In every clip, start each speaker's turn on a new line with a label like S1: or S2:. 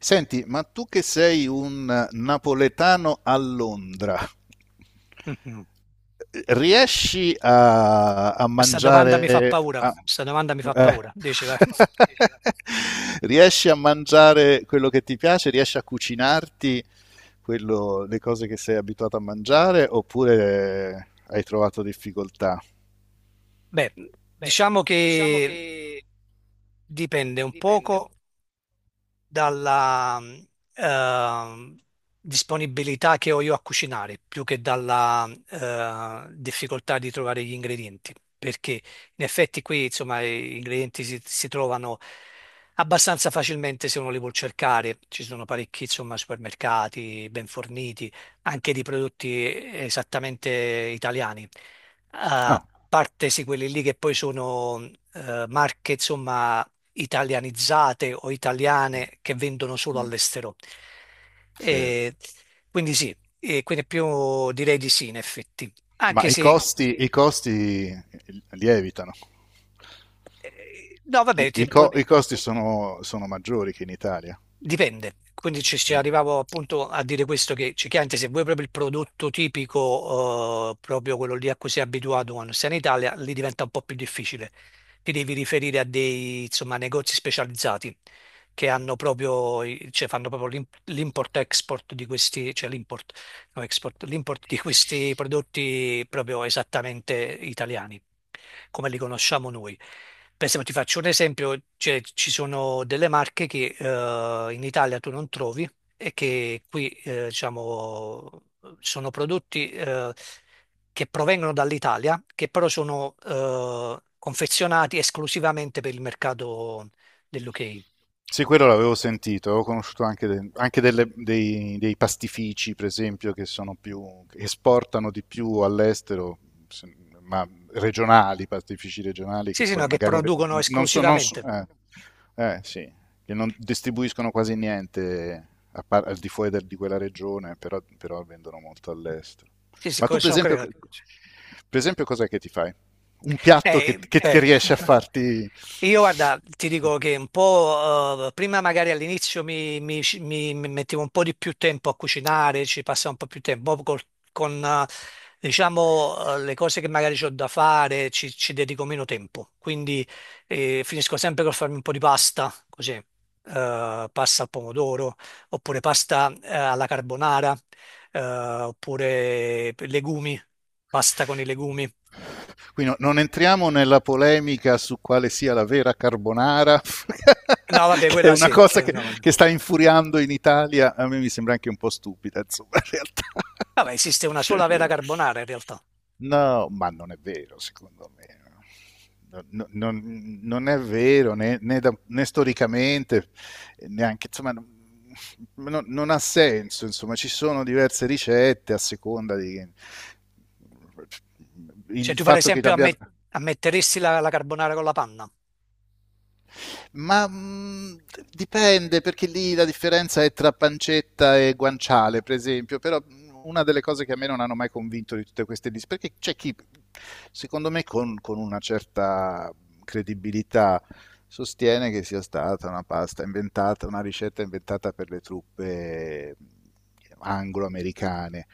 S1: Senti, ma tu che sei un napoletano a Londra,
S2: Mhm.
S1: riesci a
S2: Questa domanda mi fa paura, questa domanda mi fa
S1: eh,
S2: paura, dice, vai.
S1: riesci a mangiare quello che ti piace? Riesci a cucinarti le cose che sei abituato a mangiare oppure hai trovato difficoltà?
S2: Beh,
S1: Beh,
S2: diciamo
S1: diciamo
S2: che
S1: che
S2: dipende un
S1: dipende.
S2: poco dalla ehm, disponibilità che ho io a cucinare, più che dalla difficoltà di trovare gli ingredienti, perché in effetti qui, insomma, gli ingredienti si trovano abbastanza facilmente se uno li vuol cercare. Ci sono parecchi, insomma, supermercati ben forniti, anche di prodotti esattamente italiani.
S1: Ah,
S2: A parte sì, quelli lì che poi sono marche, insomma, italianizzate o
S1: mm,
S2: italiane che vendono solo
S1: mm,
S2: all'estero.
S1: sì.
S2: E quindi sì, e quindi più direi di sì in effetti,
S1: Ma
S2: anche
S1: i Diciamo
S2: se,
S1: costi, che i che costi lievitano.
S2: no
S1: I,
S2: vabbè,
S1: i, co- i costi sono, sono maggiori che in Italia.
S2: Dipende, quindi ci
S1: Mm.
S2: arrivavo appunto a dire questo che cioè, chiaramente se vuoi proprio il prodotto tipico, proprio quello lì a cui sei abituato quando sei in Italia, lì diventa un po' più difficile. Ti devi riferire a dei insomma, negozi specializzati che hanno proprio, cioè, fanno proprio l'import-export di questi, cioè l'import l'import di questi prodotti proprio esattamente italiani, come li conosciamo noi. Per esempio, ti faccio un esempio, cioè, ci sono delle marche che in Italia tu non trovi e che qui diciamo, sono prodotti che provengono dall'Italia, che però sono confezionati esclusivamente per il mercato dell'UK.
S1: Sì, quello l'avevo sentito, ho conosciuto anche, anche dei pastifici, per esempio, che sono più, che esportano di più all'estero, se- ma regionali, pastifici regionali,
S2: Sì,
S1: che
S2: sì,
S1: poi
S2: no, che
S1: magari
S2: producono
S1: non so,
S2: esclusivamente.
S1: sì, che non distribuiscono quasi niente a al di fuori di quella regione, però, però vendono molto all'estero.
S2: Sì, sì,
S1: Ma tu, per
S2: sono
S1: esempio,
S2: creati.
S1: per esempio, cos'è che ti fai? Un piatto che, che
S2: Beh,
S1: riesci a farti...
S2: io guarda, ti dico che un po', prima magari all'inizio mi mettevo un po' di più tempo a cucinare, ci passavo un po' più tempo. Poi con, diciamo, le cose che magari ho da fare, ci dedico meno tempo. Quindi finisco sempre col farmi un po' di pasta, così, pasta al pomodoro, oppure pasta alla carbonara, oppure legumi, pasta con i legumi.
S1: Quindi non entriamo nella polemica su quale sia la vera carbonara,
S2: No, vabbè,
S1: che è
S2: quella
S1: una
S2: sì,
S1: cosa
S2: sì, no, vabbè.
S1: che sta infuriando in Italia. A me mi sembra anche un po' stupida, insomma, in
S2: Vabbè, esiste una sola
S1: realtà.
S2: vera carbonara in realtà.
S1: No, ma non è vero, secondo me. No, no, non è vero né, né storicamente, neanche, insomma, non ha senso, insomma, ci sono diverse ricette a seconda di...
S2: Cioè,
S1: Il
S2: tu per
S1: fatto che
S2: esempio
S1: abbiano...
S2: ammetteresti la carbonara con la panna?
S1: Ma dipende, perché lì la differenza è tra pancetta e guanciale, per esempio, però una delle cose che a me non hanno mai convinto di tutte queste liste, perché c'è chi, secondo me, con una certa credibilità sostiene che sia stata una pasta inventata, una ricetta inventata per le truppe anglo-americane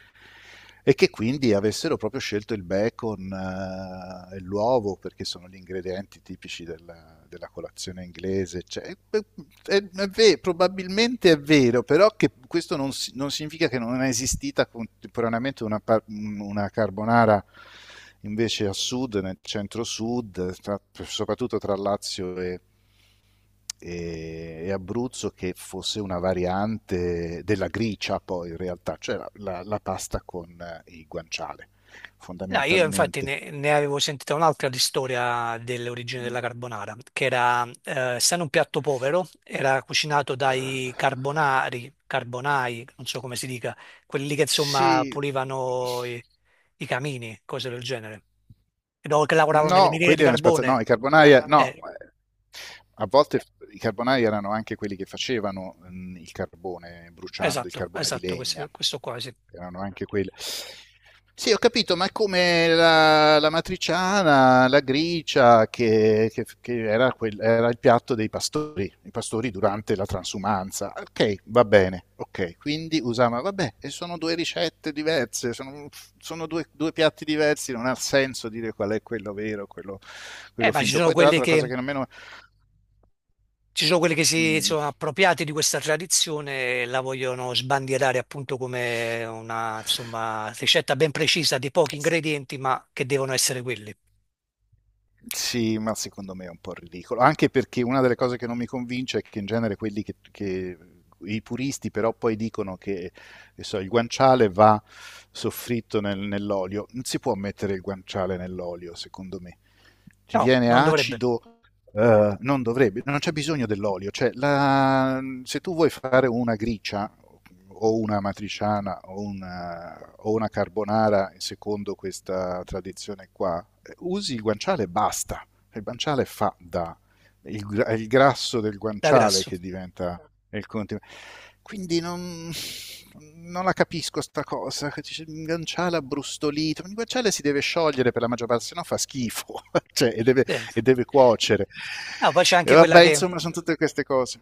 S1: e che quindi avessero proprio scelto il bacon e l'uovo perché sono gli ingredienti tipici della, della colazione inglese. Cioè, è- probabilmente è vero, però che questo non significa che non è esistita contemporaneamente una, una carbonara invece a sud, nel centro-sud, soprattutto tra Lazio e e Abruzzo che fosse una variante della gricia poi in realtà, cioè la, la pasta con il guanciale,
S2: No, io infatti
S1: fondamentalmente.
S2: ne avevo sentita un'altra di storia dell'origine della carbonara, che era, essendo un piatto povero, era cucinato dai carbonari, carbonai, non so come si dica, quelli lì che insomma
S1: Sì,
S2: pulivano i, i camini, cose del genere, che che lavoravano nelle
S1: no,
S2: miniere
S1: quelli
S2: di
S1: erano spazzati, no,
S2: carbone.
S1: i carbonara, no.
S2: Eh,
S1: A volte i carbonai erano anche quelli che facevano, il carbone bruciando il
S2: esatto,
S1: carbone di
S2: esatto,
S1: legna.
S2: questo qua, sì.
S1: Erano anche quelli. Sì, ho capito, ma è come la matriciana, la gricia che era quel era il piatto dei pastori, i pastori durante la transumanza. Okay, va bene, okay. Quindi usava vabbè, e sono 2 ricette diverse, sono 2 piatti diversi, non ha senso dire qual è quello vero, quello
S2: Eh,
S1: quello
S2: ma ci
S1: finto.
S2: sono
S1: Poi tra
S2: quelli
S1: l'altro la cosa
S2: che,
S1: che a me no
S2: ci sono quelli che si
S1: mhmm,
S2: sono appropriati di questa tradizione e la vogliono sbandierare appunto come una, insomma, ricetta ben precisa di pochi ingredienti, ma che devono essere quelli.
S1: sì, ma secondo me è un po' ridicolo, anche perché una delle cose che non mi convince è che in genere quelli che, i puristi però poi dicono che so, il guanciale va nell'olio, non si può mettere il guanciale nell'olio, secondo me. Ti
S2: No,
S1: viene
S2: non dovrebbe,
S1: acido, non dovrebbe, non c'è bisogno dell'olio, se tu vuoi fare una gricia o una matriciana o una carbonara secondo questa tradizione qua, usi il guanciale e basta. Il guanciale fa da... è il grasso del
S2: da
S1: guanciale
S2: grasso.
S1: che diventa il continuo. Quindi non la capisco sta cosa, che dice un guanciale abbrustolito, un guanciale si deve sciogliere per la maggior parte, se no fa schifo, cioè,
S2: Eh.
S1: e deve cuocere.
S2: Ah, poi c'è
S1: E
S2: anche quella
S1: vabbè,
S2: che,
S1: insomma, sono tutte queste cose.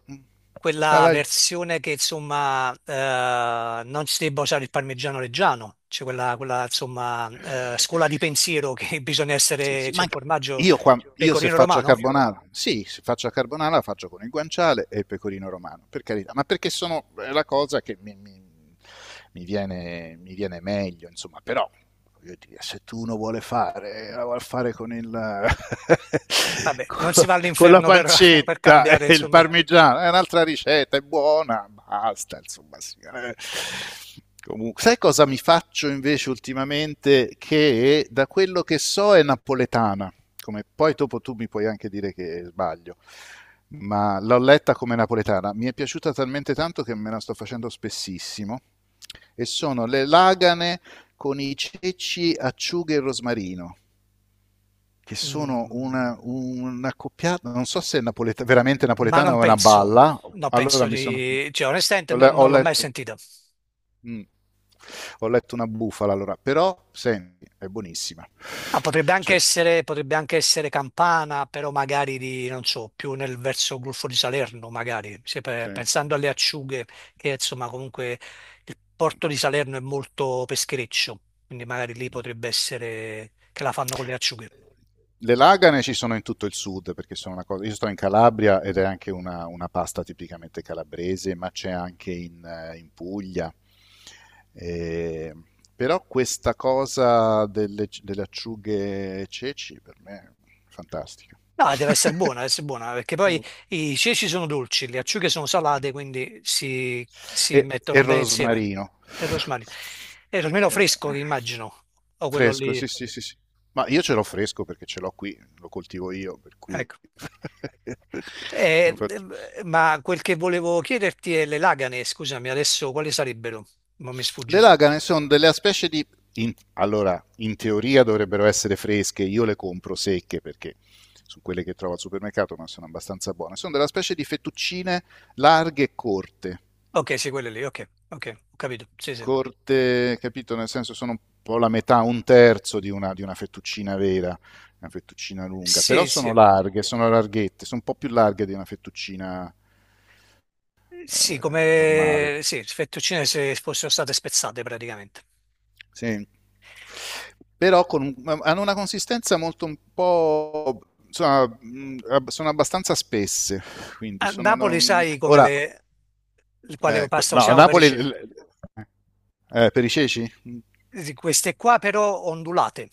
S1: Dai,
S2: quella
S1: vai.
S2: versione che insomma non si debba usare il parmigiano reggiano, c'è quella, quella, insomma scuola di pensiero che bisogna
S1: Sì,
S2: essere,
S1: sì, ma
S2: cioè
S1: anche-
S2: formaggio
S1: io, io se
S2: pecorino
S1: faccio a
S2: romano.
S1: carbonara, sì, se faccio a carbonara la faccio con il guanciale e il pecorino romano, per carità, ma perché sono è la cosa che mi viene meglio, insomma, però voglio dire, se tu uno vuole fare, la vuole fare con, il,
S2: Vabbè, non
S1: con,
S2: si va
S1: con la
S2: all'inferno per, per
S1: pancetta
S2: cambiare,
S1: e il
S2: insomma.
S1: parmigiano, è un'altra ricetta, è buona, basta, insomma. Sì, eh. Comunque, sai cosa mi faccio invece ultimamente? Che da quello che so è napoletana, come poi dopo tu mi puoi anche dire che sbaglio, ma l'ho letta come napoletana, mi è piaciuta talmente tanto che me la sto facendo spessissimo, e sono le lagane con i ceci, acciughe e rosmarino, che sono
S2: Mm,
S1: una coppiata, non so se è veramente
S2: ma
S1: napoletana
S2: non
S1: o è una
S2: penso,
S1: balla,
S2: no,
S1: allora
S2: penso
S1: mi sono...
S2: di... Cioè, onestamente
S1: Ho, ho
S2: non l'ho mai
S1: letto...
S2: sentito.
S1: mm. Ho letto una bufala allora, però senti, è buonissima.
S2: Ah,
S1: Cioè,
S2: potrebbe anche essere Campana, però magari di, non so, più nel verso Golfo di Salerno, magari. Se
S1: sì.
S2: pensando alle acciughe, che insomma comunque il porto di Salerno è molto peschereccio, quindi magari lì potrebbe essere che la fanno con le acciughe.
S1: Le lagane ci sono in tutto il sud, perché sono una cosa... Io sto in Calabria ed è anche una pasta tipicamente calabrese, ma c'è anche in, in Puglia. Eh, però questa cosa delle, delle acciughe e ceci per me è fantastica.
S2: No, deve essere buona, perché poi
S1: No,
S2: i ceci sono dolci, le acciughe sono salate, quindi si, si
S1: e
S2: mettono bene insieme.
S1: rosmarino.
S2: E il rosmarino. E il rosmarino
S1: Eh,
S2: fresco, che immagino, o quello
S1: Fresco,
S2: lì,
S1: sì, sì, sì, sì. Ma io ce l'ho fresco perché ce l'ho qui, lo coltivo io, per cui...
S2: ecco.
S1: Lo faccio.
S2: Ma quel che volevo chiederti è le lagane, scusami, adesso quali sarebbero? Ma mi
S1: Le
S2: sfugge.
S1: lagane sono delle specie di... allora, in teoria dovrebbero essere fresche, io le compro secche perché sono quelle che trovo al supermercato, ma sono abbastanza buone. Sono della specie di fettuccine larghe e corte.
S2: Ok, sì, quelle lì, ok, ok, ho capito, sì, sì.
S1: Corte, capito? Nel senso sono un po' la metà, un terzo di una fettuccina vera, una fettuccina lunga, però
S2: Sì, sì,
S1: sono larghe, sono larghette, sono un po' più larghe di una fettuccina
S2: sì,
S1: normale.
S2: come sì, fettuccine se fossero state spezzate praticamente.
S1: Sì. Però con hanno una consistenza molto un po'... Insomma, sono abbastanza spesse, quindi
S2: A
S1: sono...
S2: Napoli sai come
S1: Ora,
S2: le, il quale pasta
S1: no, a
S2: usiamo per i
S1: Napoli...
S2: ceci.
S1: per i ceci? Mm,
S2: Di queste qua però ondulate.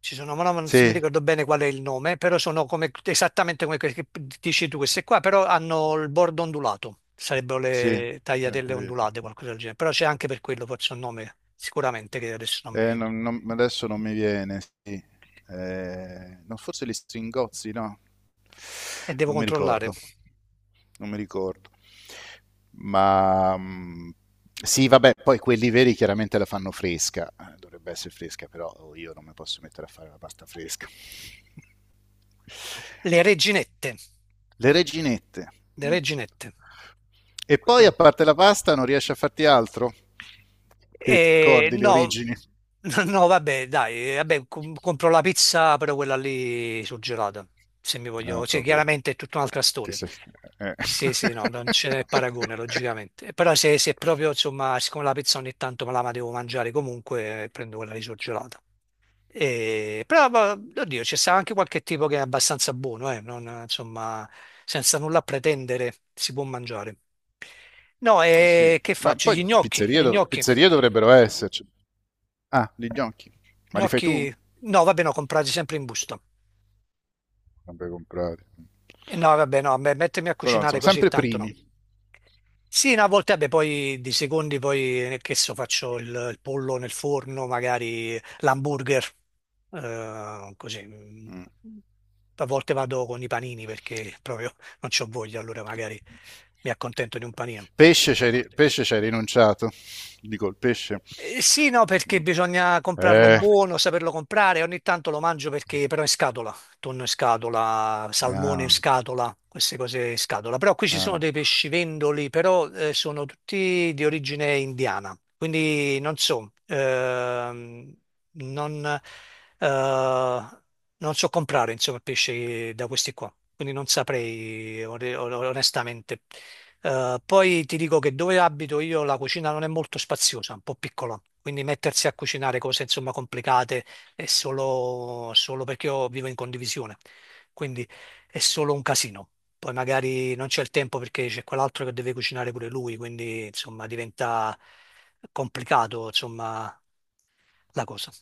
S2: Ci sono, ma no, non mi
S1: sì,
S2: ricordo bene qual è il nome, però sono come, esattamente come quelle che dici tu, queste qua, però hanno il bordo ondulato. Sarebbero
S1: sì,
S2: le
S1: sì,
S2: tagliatelle
S1: capito.
S2: ondulate, qualcosa del genere. Però c'è anche per quello, forse un nome, sicuramente, che adesso non mi...
S1: Adesso non mi viene, sì. No, forse gli Stringozzi, no?
S2: E devo
S1: Non mi
S2: controllare.
S1: ricordo, non mi ricordo. Ma sì, vabbè, poi quelli veri chiaramente la fanno fresca. Dovrebbe essere fresca, però oh, io non mi posso mettere a fare la pasta fresca.
S2: Le reginette.
S1: Le reginette.
S2: Le
S1: Mm.
S2: reginette.
S1: E poi, a parte la pasta, non riesci a farti altro? Che ti
S2: E
S1: ricordi le
S2: no,
S1: origini?
S2: no, vabbè, dai, vabbè, compro la pizza, però quella lì surgelata, se mi
S1: Ah,
S2: voglio, cioè
S1: proprio.
S2: chiaramente è tutta un'altra
S1: Ti
S2: storia.
S1: sei... eh.
S2: Sì, sì, no, non ce n'è paragone, logicamente. Però se, se proprio, insomma, siccome la pizza ogni tanto me la ma devo mangiare comunque, prendo quella lì surgelata. E, però, oddio, c'è stato anche qualche tipo che è abbastanza buono, insomma, senza nulla pretendere si può mangiare. No,
S1: Sì,
S2: e che
S1: ma
S2: faccio?
S1: poi
S2: Gli gnocchi,
S1: pizzerie,
S2: gli gnocchi.
S1: pizzerie dovrebbero esserci. Ah, gli gnocchi. Ma li fai tu?
S2: Gnocchi, no, vabbè, no, comprati sempre in busta.
S1: Sempre comprati.
S2: E no, vabbè, no, beh, mettermi a
S1: Però
S2: cucinare
S1: insomma,
S2: così
S1: sempre
S2: tanto no.
S1: primi.
S2: Sì, no, a volte, vabbè, poi di secondi, poi, che so, faccio il pollo nel forno, magari l'hamburger, così. Mm.
S1: Mm.
S2: A volte vado con i panini perché proprio non c'ho voglia, allora magari mi accontento di un panino.
S1: Pesce c'hai, pesce c'hai rinunciato. Dico il pesce.
S2: Sì, no, perché
S1: Mm.
S2: bisogna comprarlo
S1: Eh,
S2: buono, saperlo comprare. Ogni tanto lo mangio perché però in scatola, tonno in scatola, salmone in
S1: ah,
S2: scatola, queste cose in scatola. Però qui
S1: no,
S2: ci
S1: ah,
S2: sono
S1: no.
S2: dei pescivendoli, però sono tutti di origine indiana. Quindi non so, non, eh, non so comprare insomma pesce da questi qua. Quindi non saprei, onestamente. Poi ti dico che dove abito io la cucina non è molto spaziosa, è un po' piccola, quindi mettersi a cucinare cose insomma complicate è solo, solo perché io vivo in condivisione, quindi è solo un casino. Poi magari non c'è il tempo perché c'è quell'altro che deve cucinare pure lui, quindi insomma diventa complicato insomma la cosa.